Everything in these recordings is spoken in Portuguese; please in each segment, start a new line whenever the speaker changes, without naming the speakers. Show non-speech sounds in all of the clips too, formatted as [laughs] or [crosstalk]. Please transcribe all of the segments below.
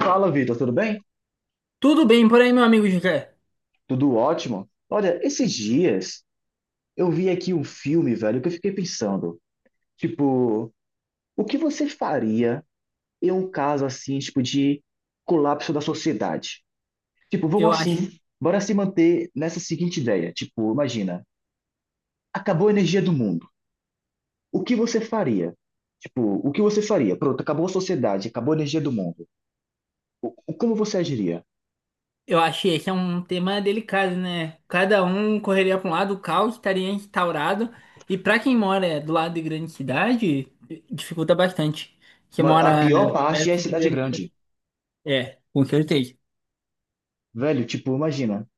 Fala, Vitor, tudo bem?
Tudo bem por aí, meu amigo José.
Tudo ótimo. Olha, esses dias eu vi aqui um filme, velho, que eu fiquei pensando, tipo, o que você faria em um caso assim, tipo, de colapso da sociedade? Tipo, vamos
Eu
assim,
acho,
Uhum. Bora se manter nessa seguinte ideia, tipo, imagina, acabou a energia do mundo. O que você faria? Tipo, o que você faria? Pronto, acabou a sociedade, acabou a energia do mundo. Como você agiria?
eu achei esse é um tema delicado, né? Cada um correria para um lado, o caos estaria instaurado. E para quem mora do lado de grande cidade, dificulta bastante. Quem
A
mora
pior parte é a
perto de
cidade
grande
grande.
cidade. É, com certeza.
Velho, tipo, imagina.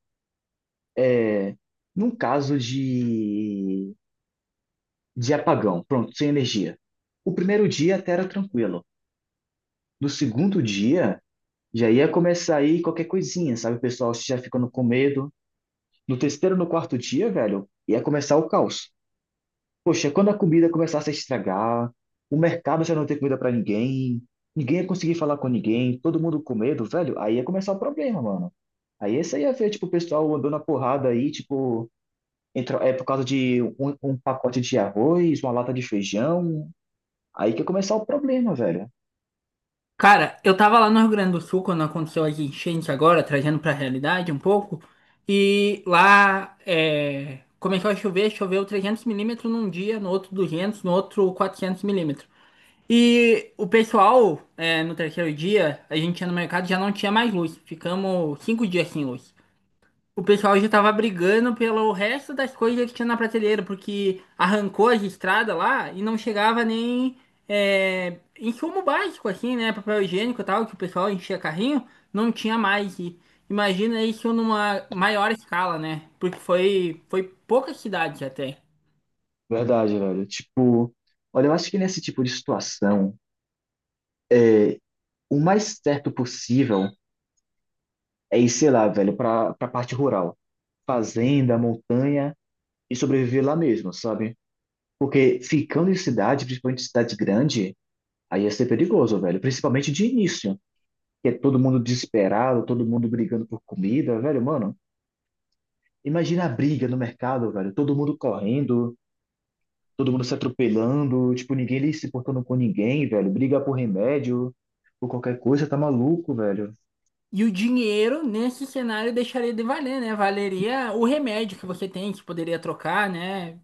é, Num caso de apagão, pronto, sem energia. O primeiro dia até era tranquilo. No segundo dia, já ia começar aí qualquer coisinha, sabe? O pessoal já ficando com medo. No terceiro, no quarto dia, velho, ia começar o caos. Poxa, quando a comida começasse a estragar, o mercado já não ter comida para ninguém, ninguém ia conseguir falar com ninguém, todo mundo com medo, velho, aí ia começar o problema, mano. Aí esse aí ia ver, tipo, o pessoal andando na porrada aí, tipo, entrou, é por causa de um, um pacote de arroz, uma lata de feijão. Aí que começar o problema, velho.
Cara, eu tava lá no Rio Grande do Sul quando aconteceu as enchentes agora, trazendo para a realidade um pouco. E lá começou a chover, choveu 300 milímetros num dia, no outro 200, no outro 400 milímetros. E o pessoal, no terceiro dia, a gente ia no mercado e já não tinha mais luz. Ficamos 5 dias sem luz. O pessoal já tava brigando pelo resto das coisas que tinha na prateleira, porque arrancou as estradas lá e não chegava nem insumo básico, assim, né? Papel higiênico e tal, que o pessoal enchia carrinho, não tinha mais. E imagina isso numa maior escala, né? Porque foi poucas cidades até.
Verdade, velho. Tipo, olha, eu acho que nesse tipo de situação, o mais certo possível é ir, sei lá, velho, pra parte rural. Fazenda, montanha e sobreviver lá mesmo, sabe? Porque ficando em cidade, principalmente cidade grande, aí ia ser perigoso, velho. Principalmente de início, que é todo mundo desesperado, todo mundo brigando por comida, velho, mano. Imagina a briga no mercado, velho. Todo mundo correndo, todo mundo se atropelando, tipo, ninguém ali se portando com ninguém, velho. Briga por remédio, por qualquer coisa, tá maluco, velho.
E o dinheiro, nesse cenário, deixaria de valer, né? Valeria o remédio que você tem, que poderia trocar, né?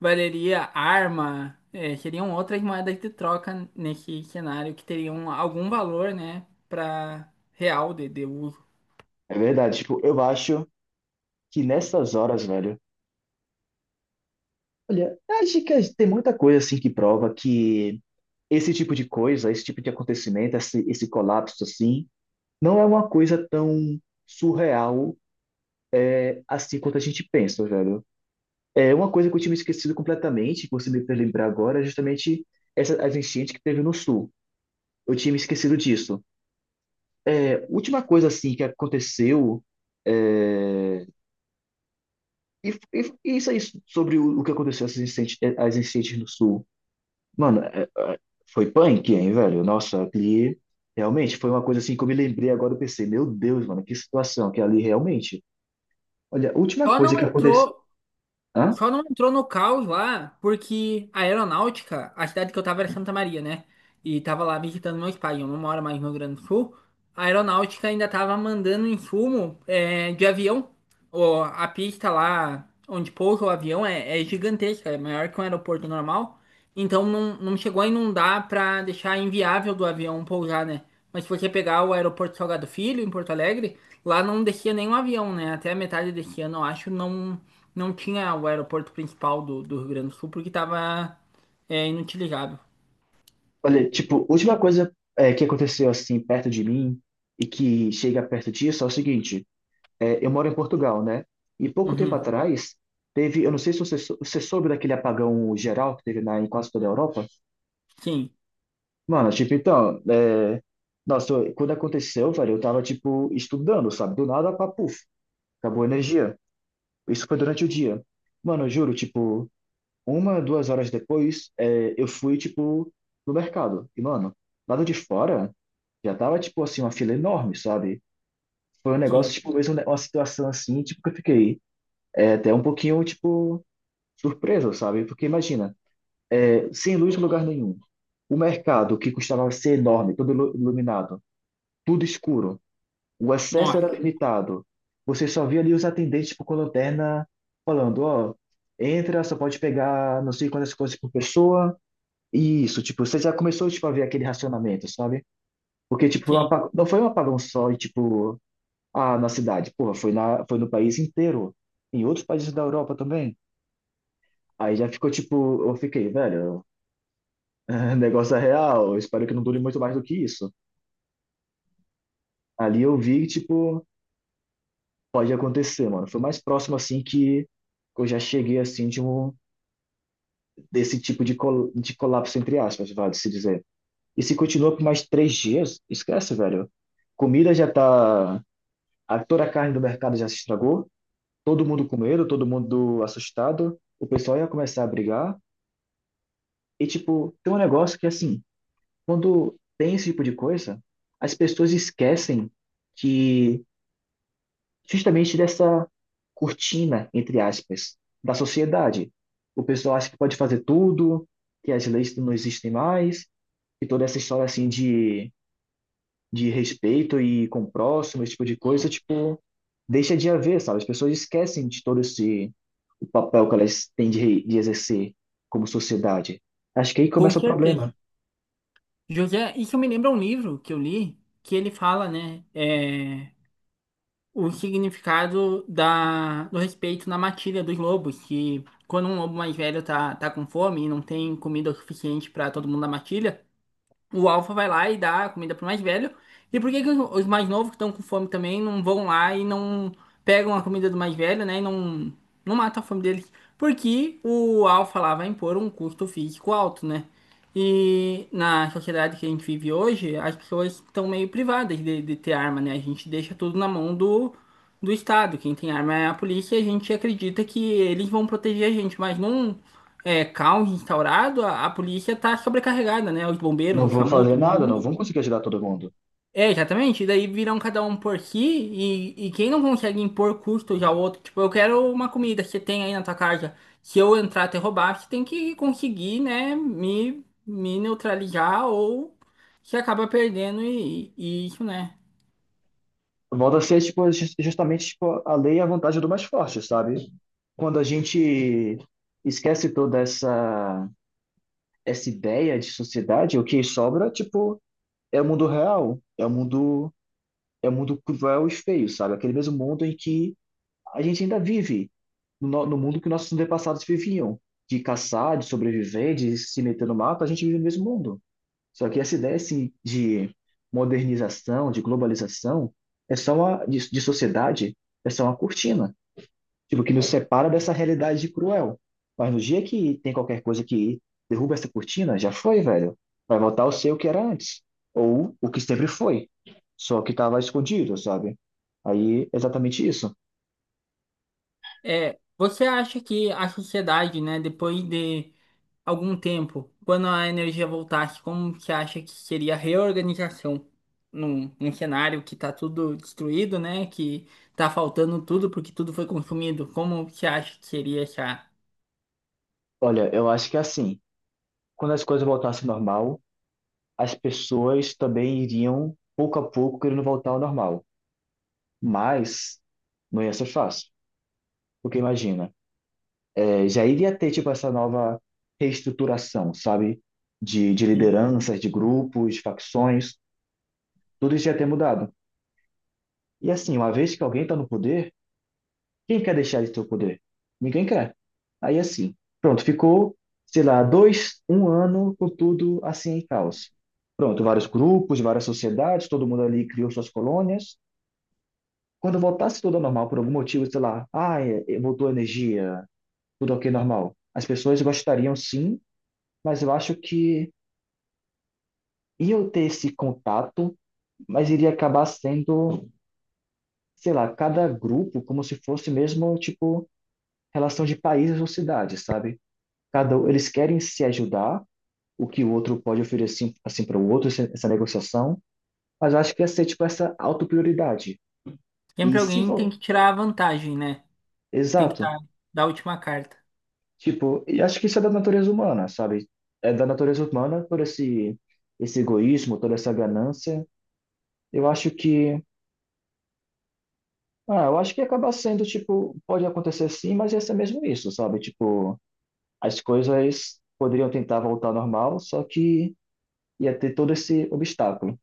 Valeria arma, seriam outras moedas de troca nesse cenário que teriam algum valor, né? Para real de uso.
É verdade, tipo, eu acho que nessas horas, velho, olha, acho que tem muita coisa assim que prova que esse tipo de coisa, esse tipo de acontecimento, esse colapso assim, não é uma coisa tão surreal assim quanto a gente pensa, velho. É uma coisa que eu tinha me esquecido completamente, que você me fez lembrar agora, é justamente essa, as enchentes que teve no sul. Eu tinha me esquecido disso. Última coisa assim que aconteceu é, e isso aí sobre o que aconteceu às incêndios no sul. Mano, foi punk, hein, velho? Nossa, ali realmente foi uma coisa assim que eu me lembrei agora, eu pensei, meu Deus, mano, que situação que ali realmente. Olha, a última
Só não
coisa que aconteceu.
entrou,
Hã?
só não entrou no caos lá, porque a aeronáutica, a cidade que eu tava era Santa Maria, né? E tava lá visitando meus pais, eu não moro mais no Rio Grande do Sul. A aeronáutica ainda estava mandando insumo de avião. A pista lá onde pousa o avião é gigantesca, é maior que um aeroporto normal. Então não chegou a inundar para deixar inviável do avião pousar, né? Mas se você pegar o aeroporto Salgado Filho, em Porto Alegre, lá não descia nenhum avião, né? Até a metade desse ano, eu acho, não tinha o aeroporto principal do Rio Grande do Sul, porque estava inutilizável.
Olha, tipo, última coisa que aconteceu assim perto de mim e que chega perto disso é o seguinte. É, eu moro em Portugal, né? E pouco tempo
Uhum.
atrás, teve. Eu não sei se você, você soube daquele apagão geral que teve na, em quase toda a Europa.
Sim,
Mano, tipo, então. Nossa, quando aconteceu, velho, eu tava, tipo, estudando, sabe? Do nada, pá, puf, acabou a energia. Isso foi durante o dia. Mano, eu juro, tipo, uma, duas horas depois, eu fui, tipo, no mercado. E, mano, lado de fora, já tava, tipo, assim, uma fila enorme, sabe? Foi um negócio,
sim.
tipo, mesmo né, uma situação assim, tipo, que eu fiquei. É até um pouquinho, tipo, surpresa, sabe? Porque imagina, sem luz em lugar nenhum, o mercado que custava ser enorme, todo iluminado, tudo escuro, o acesso era
Nossa,
limitado. Você só via ali os atendentes tipo, com lanterna falando, ó, entra, só pode pegar não sei quantas coisas por pessoa. E isso, tipo, você já começou tipo, a ver aquele racionamento, sabe? Porque, tipo, foi um
sim.
não foi um apagão só e, tipo, ah, na cidade, porra, foi no país inteiro, em outros países da Europa também. Aí já ficou tipo, eu fiquei, velho, [laughs] negócio é real. Eu espero que não dure muito mais do que isso. Ali eu vi, tipo, pode acontecer, mano. Foi o mais próximo, assim, que eu já cheguei, assim, desse tipo de, col de colapso, entre aspas, vale se dizer. E se continua por mais três dias, esquece, velho. Comida já tá. A, toda a carne do mercado já se estragou. Todo mundo com medo, todo mundo assustado. O pessoal ia começar a brigar. E, tipo, tem um negócio que, assim, quando tem esse tipo de coisa, as pessoas esquecem que justamente dessa cortina, entre aspas, da sociedade. O pessoal acha que pode fazer tudo, que as leis não existem mais, e toda essa história assim de respeito e com o próximo, esse tipo de coisa, tipo, deixa de haver, sabe? As pessoas esquecem de todo esse o papel que elas têm de exercer como sociedade. Acho que aí começa
Com
o
certeza.
problema.
José, isso me lembra um livro que eu li, que ele fala, né, é, o significado do respeito na matilha dos lobos, que quando um lobo mais velho tá com fome e não tem comida o suficiente para todo mundo na matilha, o alfa vai lá e dá a comida pro mais velho. E por que que os mais novos que estão com fome também não vão lá e não pegam a comida do mais velho, né? E não matam a fome deles? Porque o alfa lá vai impor um custo físico alto, né? E na sociedade que a gente vive hoje, as pessoas estão meio privadas de ter arma, né? A gente deixa tudo na mão do Estado. Quem tem arma é a polícia e a gente acredita que eles vão proteger a gente, mas não é, caos instaurado, a polícia tá sobrecarregada, né? Os bombeiros,
Não
o
vão
SAMU,
fazer
todo
nada, não
mundo.
vão conseguir ajudar todo mundo.
É, exatamente. E daí viram cada um por si e quem não consegue impor custos ao outro, tipo, eu quero uma comida que você tem aí na tua casa. Se eu entrar te roubar, você tem que conseguir, né, me neutralizar ou você acaba perdendo e isso, né?
Volta a ser, tipo, justamente, tipo, a lei é a vantagem do mais forte, sabe? Quando a gente esquece toda essa ideia de sociedade, o que sobra, tipo, é o mundo real, é o mundo cruel e feio, sabe? Aquele mesmo mundo em que a gente ainda vive, no mundo que nossos antepassados viviam, de caçar, de sobreviver, de se meter no mato, a gente vive no mesmo mundo. Só que essa ideia assim, de modernização, de globalização, é só uma, de sociedade, é só uma cortina, tipo, que nos separa dessa realidade cruel. Mas no dia que tem qualquer coisa que derruba essa cortina, já foi, velho. Vai voltar ao ser o que era antes, ou o que sempre foi, só que estava escondido, sabe? Aí, exatamente isso.
É, você acha que a sociedade, né, depois de algum tempo, quando a energia voltasse, como que acha que seria a reorganização num cenário que tá tudo destruído, né? Que tá faltando tudo porque tudo foi consumido. Como que acha que seria essa?
Olha, eu acho que é assim, quando as coisas voltassem ao normal, as pessoas também iriam, pouco a pouco, querendo voltar ao normal. Mas não ia ser fácil. Porque imagina, é, já iria ter tipo essa nova reestruturação, sabe? De
Sim.
lideranças, de grupos, de facções, tudo isso ia ter mudado. E assim, uma vez que alguém está no poder, quem quer deixar de ter o poder? Ninguém quer. Aí assim, pronto, ficou, sei lá, dois, um ano com tudo assim em caos. Pronto, vários grupos, várias sociedades, todo mundo ali criou suas colônias. Quando voltasse tudo ao normal por algum motivo, sei lá, ah, voltou a energia, tudo ok, normal. As pessoas gostariam sim, mas eu acho que iam ter esse contato, mas iria acabar sendo, sei lá, cada grupo como se fosse mesmo, tipo, relação de países ou cidades, sabe? Eles querem se ajudar, o que o outro pode oferecer assim para o outro, essa negociação, mas eu acho que ia ser, tipo, essa autoprioridade.
Sempre
E se
alguém tem
vol-
que tirar a vantagem, né? Tem que
Exato.
estar da última carta.
Tipo, e acho que isso é da natureza humana, sabe? É da natureza humana por esse egoísmo, toda essa ganância. Eu acho que. Ah, eu acho que acaba sendo, tipo, pode acontecer sim, mas ia ser mesmo isso, sabe? Tipo, as coisas poderiam tentar voltar ao normal, só que ia ter todo esse obstáculo.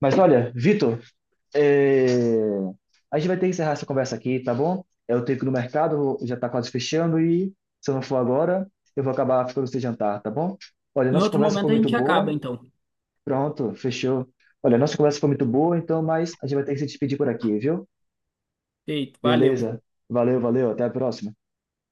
Mas olha, Vitor, eh, a gente vai ter que encerrar essa conversa aqui, tá bom? Eu tenho que ir no mercado, já tá quase fechando, e se eu não for agora, eu vou acabar ficando sem jantar, tá bom? Olha,
Em
nossa
outro
conversa foi
momento a
muito
gente acaba,
boa.
então.
Pronto, fechou. Olha, nossa conversa foi muito boa, então, mas a gente vai ter que se despedir por aqui, viu?
Feito, valeu.
Beleza. Valeu, valeu. Até a próxima.